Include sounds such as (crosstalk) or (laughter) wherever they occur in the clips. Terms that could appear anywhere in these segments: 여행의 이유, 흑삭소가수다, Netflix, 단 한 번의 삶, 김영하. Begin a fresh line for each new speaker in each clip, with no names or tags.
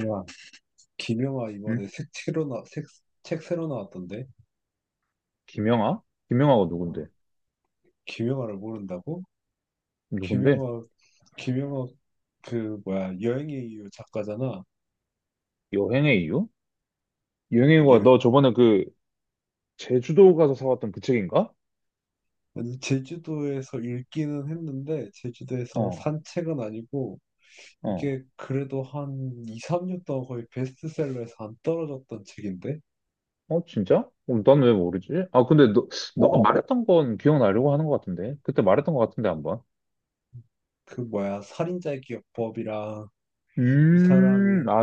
야, 김영하
응?
이번에 색 새로 나, 색, 책 새로 나왔던데?
김영하? 김영하가 누군데?
어, 김영하를 모른다고?
누군데?
김영하, 김영하, 여행의 이유 작가잖아.
여행의 이유? 여행의 이유가
여,
너 저번에 그 제주도 가서 사왔던 그 책인가?
아니, 제주도에서 읽기는 했는데, 제주도에서
어,
산 책은 아니고,
어,
이게 그래도 한 2, 3년 동안 거의 베스트셀러에서 안 떨어졌던 책인데?
어, 진짜? 그럼 난 왜 모르지? 아, 근데 너가 말했던 건 기억나려고 하는 것 같은데? 그때 말했던 것 같은데, 한번.
살인자의 기억법이랑, 이 사람이
아,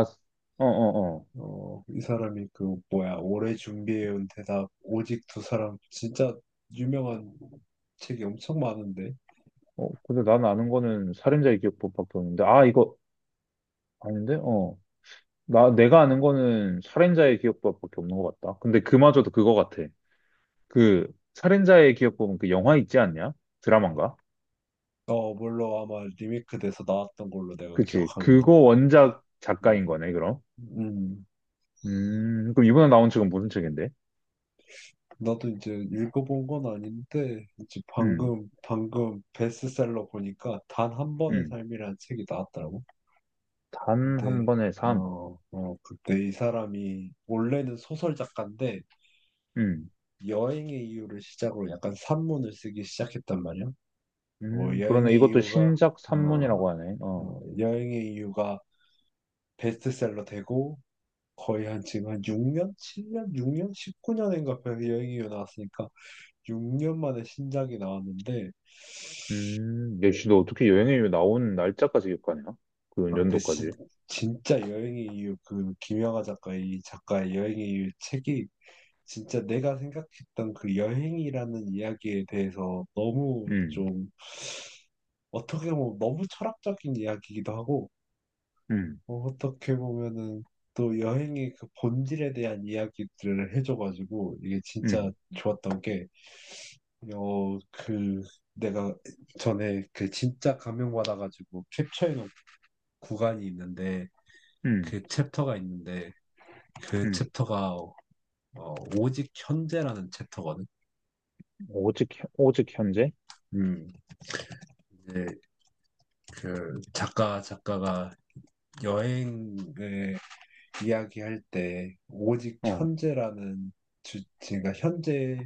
어, 어, 어.
이 사람이 그 뭐야 오래 준비해온 대답 오직 두 사람 진짜 유명한 책이 엄청 많은데
어, 근데 난 아는 거는 살인자의 기억법밖에 없는데, 아, 이거 아닌데? 어. 내가 아는 거는 살인자의 기억법밖에 없는 것 같다. 근데 그마저도 그거 같아. 그 살인자의 기억 보면 그 영화 있지 않냐? 드라마인가?
어, 물론 아마 리메이크돼서 나왔던 걸로 내가
그치.
기억하는데.
그거 원작 작가인
음.
거네, 그럼.
음.
그럼 이번에 나온 책은 무슨 책인데?
나도 이제 읽어본 건 아닌데 이제
음,
방금 베스트셀러 보니까 단 한 번의
음.
삶이라는 책이 나왔더라고.
단 한
근데
번의 삶.
그때 이 사람이 원래는 소설 작가인데
음,
여행의 이유를 시작으로 약간 산문을 쓰기 시작했단 말이야. 어,
그러네.
여행의
이것도
이유가
신작
어,
산문이라고 하네. 어.
여행의 이유가 베스트셀러 되고 거의 한 지금 한 6년, 7년, 6년, 19년인가 여행의 이유 나왔으니까 6년 만에 신작이 나왔는데,
역시 너 어떻게 여행이 나온 날짜까지 기억하냐? 그
아 근데 진,
연도까지.
진짜 여행의 이유 그 김영하 작가의 이 작가의 여행의 이유 책이 진짜 내가 생각했던 그 여행이라는 이야기에 대해서 너무
음,
좀 어떻게 보면 너무 철학적인 이야기이기도 하고,
음,
떻게 보면은 또 여행의 그 본질에 대한 이야기들을 해줘가지고, 이게 진짜
음,
좋았던 게, 어, 그, 내가 전에 그 진짜 감명받아가지고 캡처해놓은 구간이 있는데,
음,
그 챕터가 있는데, 그
음.
챕터가, 어, 오직 현재라는 챕터거든.
오직, 오직 현재?
음, 이제 작가가 여행을 이야기할 때 오직
어,
현재라는 그러니까 현재에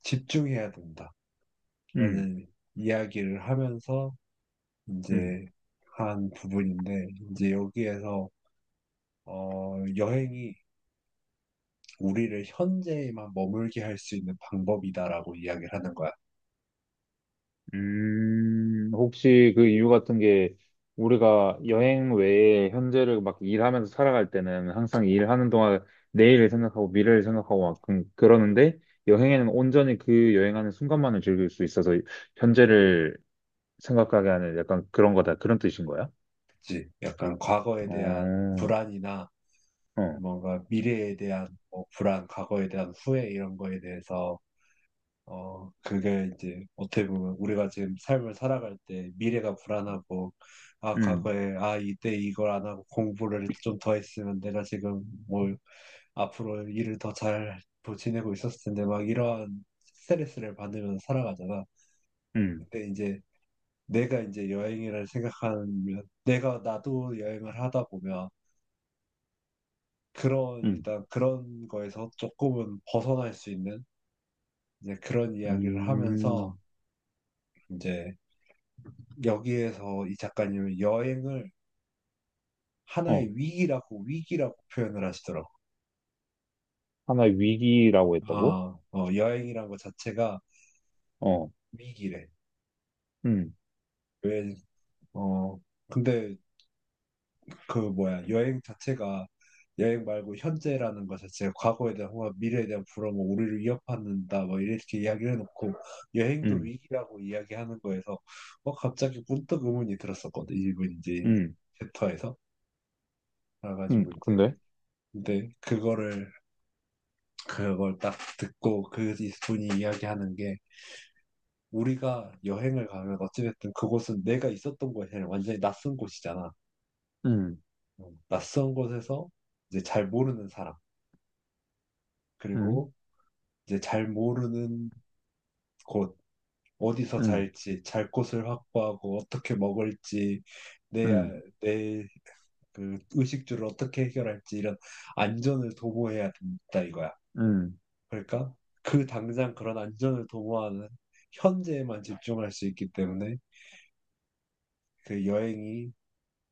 집중해야
음,
된다라는 이야기를 하면서
음.
이제 한 부분인데, 이제 여기에서 여행이 우리를 현재에만 머물게 할 수 있는 방법이다라고 이야기를 하는 거야.
혹시 그 이유 같은 게 우리가 여행 외에 현재를 막 일하면서 살아갈 때는 항상 일하는 동안 내일을 생각하고 미래를 생각하고 막 그러는데 여행에는 온전히 그 여행하는 순간만을 즐길 수 있어서 현재를 생각하게 하는 약간 그런 거다. 그런 뜻인 거야?
그치? 약간 과거에 대한
어,
불안이나
어,
뭔가 미래에 대한 뭐 불안, 과거에 대한 후회 이런 거에 대해서 그게 이제 어떻게 보면 우리가 지금 삶을 살아갈 때 미래가 불안하고, 아,
음,
과거에, 아, 이때 이걸 안 하고 공부를 좀 더 했으면 내가 지금 뭐 앞으로 일을 더 잘 지내고 있었을 텐데, 막 이러한 스트레스를 받으면서 살아가잖아.
음,
근데 이제 내가 이제 여행이라 생각하면, 내가 나도 여행을 하다 보면, 그런,
음,
일단 그런 거에서 조금은 벗어날 수 있는 이제 그런
음,
이야기를 하면서,
음.
이제 여기에서 이 작가님은 여행을
어,
하나의 위기라고 표현을 하시더라고.
하나의 위기라고 했다고?
여행이란 것 자체가
어,
위기래.
음,
왜, 어, 근데 여행 자체가 여행 말고 현재라는 것 자체가 과거에 대한 호화, 미래에 대한 불안, 뭐 우리를 위협한다, 뭐 이렇게 이야기를 해놓고 여행도
음,
위기라고 이야기하는 거에서 갑자기 문득 의문이 들었었거든, 이분 이제
음,
챕터에서. 그래가지고 이제
근데?
근데 그거를 그걸 딱 듣고 그 분이 이야기하는 게, 우리가 여행을 가면 어찌됐든 그곳은 내가 있었던 곳이 아니라 완전히 낯선 곳이잖아.
음,
낯선 곳에서 이제 잘 모르는 사람,
음.
그리고 이제 잘 모르는 곳, 어디서
음.
잘지, 잘 곳을 확보하고 어떻게 먹을지, 내,
음,
내, 그 의식주를 어떻게 해결할지, 이런 안전을 도모해야 된다 이거야.
음.
그러니까 그 당장 그런 안전을 도모하는 현재에만 집중할 수 있기 때문에 그 여행이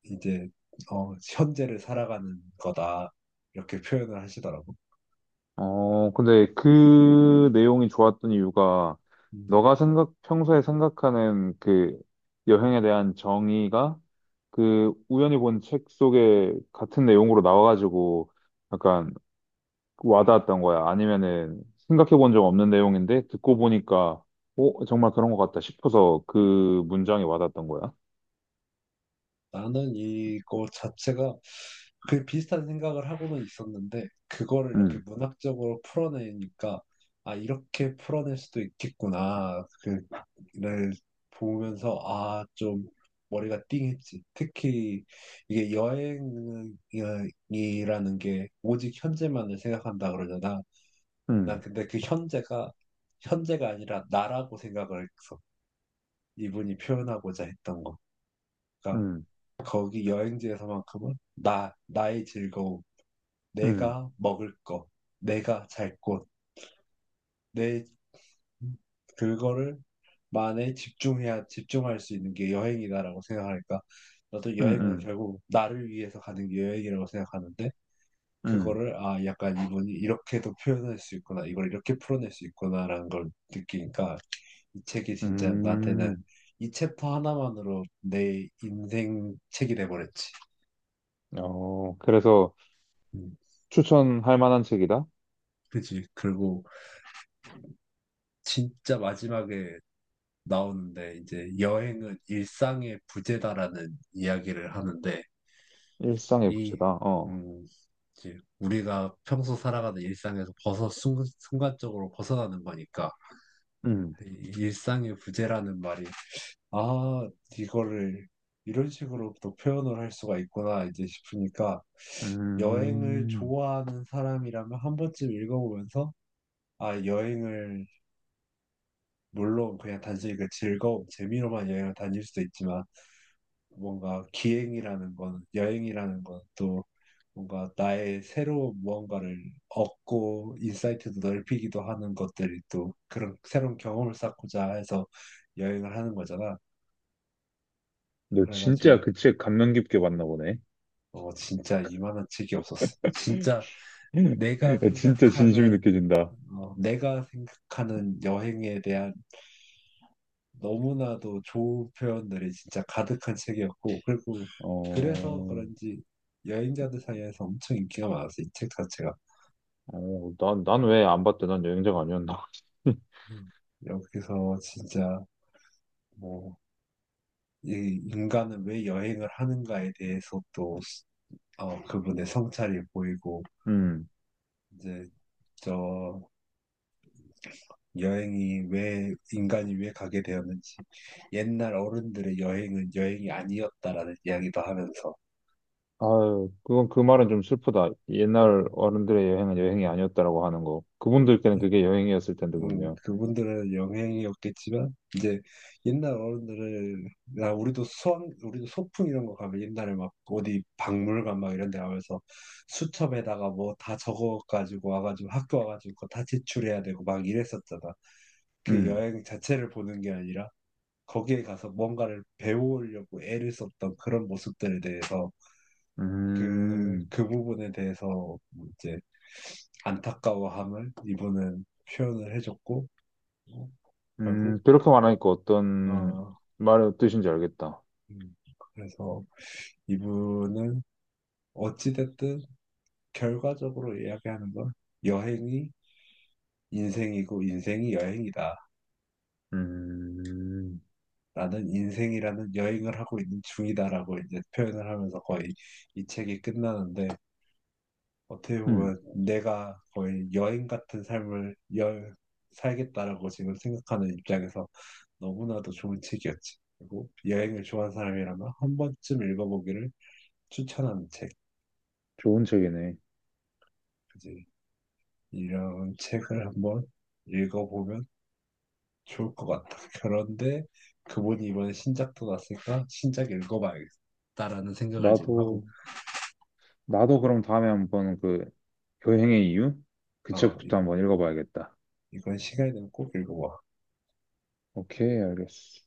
이제 현재를 살아가는 거다, 이렇게 표현을 하시더라고.
어, 근데 그 내용이 좋았던 이유가
음,
평소에 생각하는 그 여행에 대한 정의가 그 우연히 본 책 속에 같은 내용으로 나와가지고 약간 와닿았던 거야. 아니면은 생각해 본 적 없는 내용인데 듣고 보니까 어, 정말 그런 것 같다 싶어서 그 문장이 와닿았던 거야.
나는 이거 자체가 그 비슷한 생각을 하고는 있었는데 그거를 이렇게
음,
문학적으로 풀어내니까, 아, 이렇게 풀어낼 수도 있겠구나, 그를 보면서 아 좀 머리가 띵했지. 특히 이게 여행이라는 게 오직 현재만을 생각한다 그러잖아. 난
음,
근데 그 현재가 아니라 나라고 생각을 했어, 이분이 표현하고자 했던 거. 그러니까
음,
거기 여행지에서만큼은 나의 즐거움,
음,
내가 먹을 거, 내가 잘 곳, 내 그거를 만에 집중해야 집중할 수 있는 게 여행이다라고 생각하니까, 나도
음,
여행은
음,
결국 나를 위해서 가는 게 여행이라고 생각하는데,
음.
그거를 아 약간 이분이 이렇게도 표현할 수 있구나, 이걸 이렇게 풀어낼 수 있구나라는 걸 느끼니까 이 책이 진짜 나한테는
음.
이 챕터 하나만으로 내 인생 책이 돼버렸지.
어, 그래서
음,
추천할 만한 책이다?
그지. 그리고 진짜 마지막에 나오는데 이제 여행은 일상의 부재다라는 이야기를 하는데,
일상의
이,
부채다. 어.
음, 이제 우리가 평소 살아가는 일상에서 순간적으로 벗어나는 거니까
음.
이 일상의 부재라는 말이 아 이거를 이런 식으로 또 표현을 할 수가 있구나 이제 싶으니까, 여행을
음.
좋아하는 사람이라면 한 번쯤 읽어보면서, 아, 여행을, 물론 그냥 단순히 그 즐거움, 재미로만 여행을 다닐 수도 있지만, 뭔가 기행이라는 건, 여행이라는 건 또 뭔가 나의 새로운 무언가를 얻고, 인사이트도 넓히기도 하는 것들이, 또 그런 새로운 경험을 쌓고자 해서 여행을 하는 거잖아.
너 진짜
그래가지고,
그 책 감명 깊게 봤나 보네.
진짜 이만한 책이 없었어. 진짜
(laughs)
내가
야, 진짜 진심이
생각하는
느껴진다.
내가 생각하는 여행에 대한 너무나도 좋은 표현들이 진짜 가득한 책이었고, 그리고 그래서
어.
그런지 여행자들 사이에서 엄청 인기가 많았어, 이 책 자체가.
어, 난 왜 안 봤대? 난 여행자가 아니었나? (laughs)
음. 여기서 진짜 뭐, 이 인간은 왜 여행을 하는가에 대해서 또, 그분의 성찰이 보이고,
음.
이제 저 여행이 왜 인간이 왜 가게 되었는지, 옛날 어른들의 여행은 여행이 아니었다라는 이야기도 하면서.
아유, 그건 그 말은 좀 슬프다. 옛날
음,
어른들의 여행은 여행이 아니었다라고 하는 거. 그분들께는
네.
그게 여행이었을 텐데, 분명.
그분들은 영향이 없겠지만 이제 옛날 어른들은, 나 우리도 소풍 이런 거 가면 옛날에 막 어디 박물관 막 이런 데 가면서 수첩에다가 뭐 다 적어 가지고 와가지고 학교 와가지고 그거 다 제출해야 되고 막 이랬었잖아. 그
음.
여행 자체를 보는 게 아니라 거기에 가서 뭔가를 배우려고 애를 썼던 그런 모습들에 대해서, 그
음.
그 부분에 대해서 이제 안타까워함을 이분은 표현을 해줬고. 결국
그렇게 말하니까 어떤
어,
말의 뜻인지 알겠다.
음, 그래서 이분은 어찌됐든 결과적으로 이야기하는 건 여행이 인생이고 인생이 여행이다.
음,
나는 인생이라는 여행을 하고 있는 중이다라고 이제 표현을 하면서 거의 이 책이 끝나는데, 어떻게
음,
보면 내가 거의 여행 같은 삶을 살겠다라고 지금 생각하는 입장에서 너무나도 좋은 책이었지. 그리고 여행을 좋아하는 사람이라면 한 번쯤 읽어보기를 추천하는 책.
좋은 책이네.
그지? 이런 책을 한번 읽어보면 좋을 것 같다. (laughs) 그런데 그분이 이번에 신작도 났으니까 신작 읽어봐야겠다라는 생각을 지금 하고,
나도, 나도 그럼 다음에 한번 그 여행의 이유? 그
어,
책부터
이,
한번 읽어봐야겠다.
이건 시간이 되면 꼭 읽어봐.
오케이, 알겠어.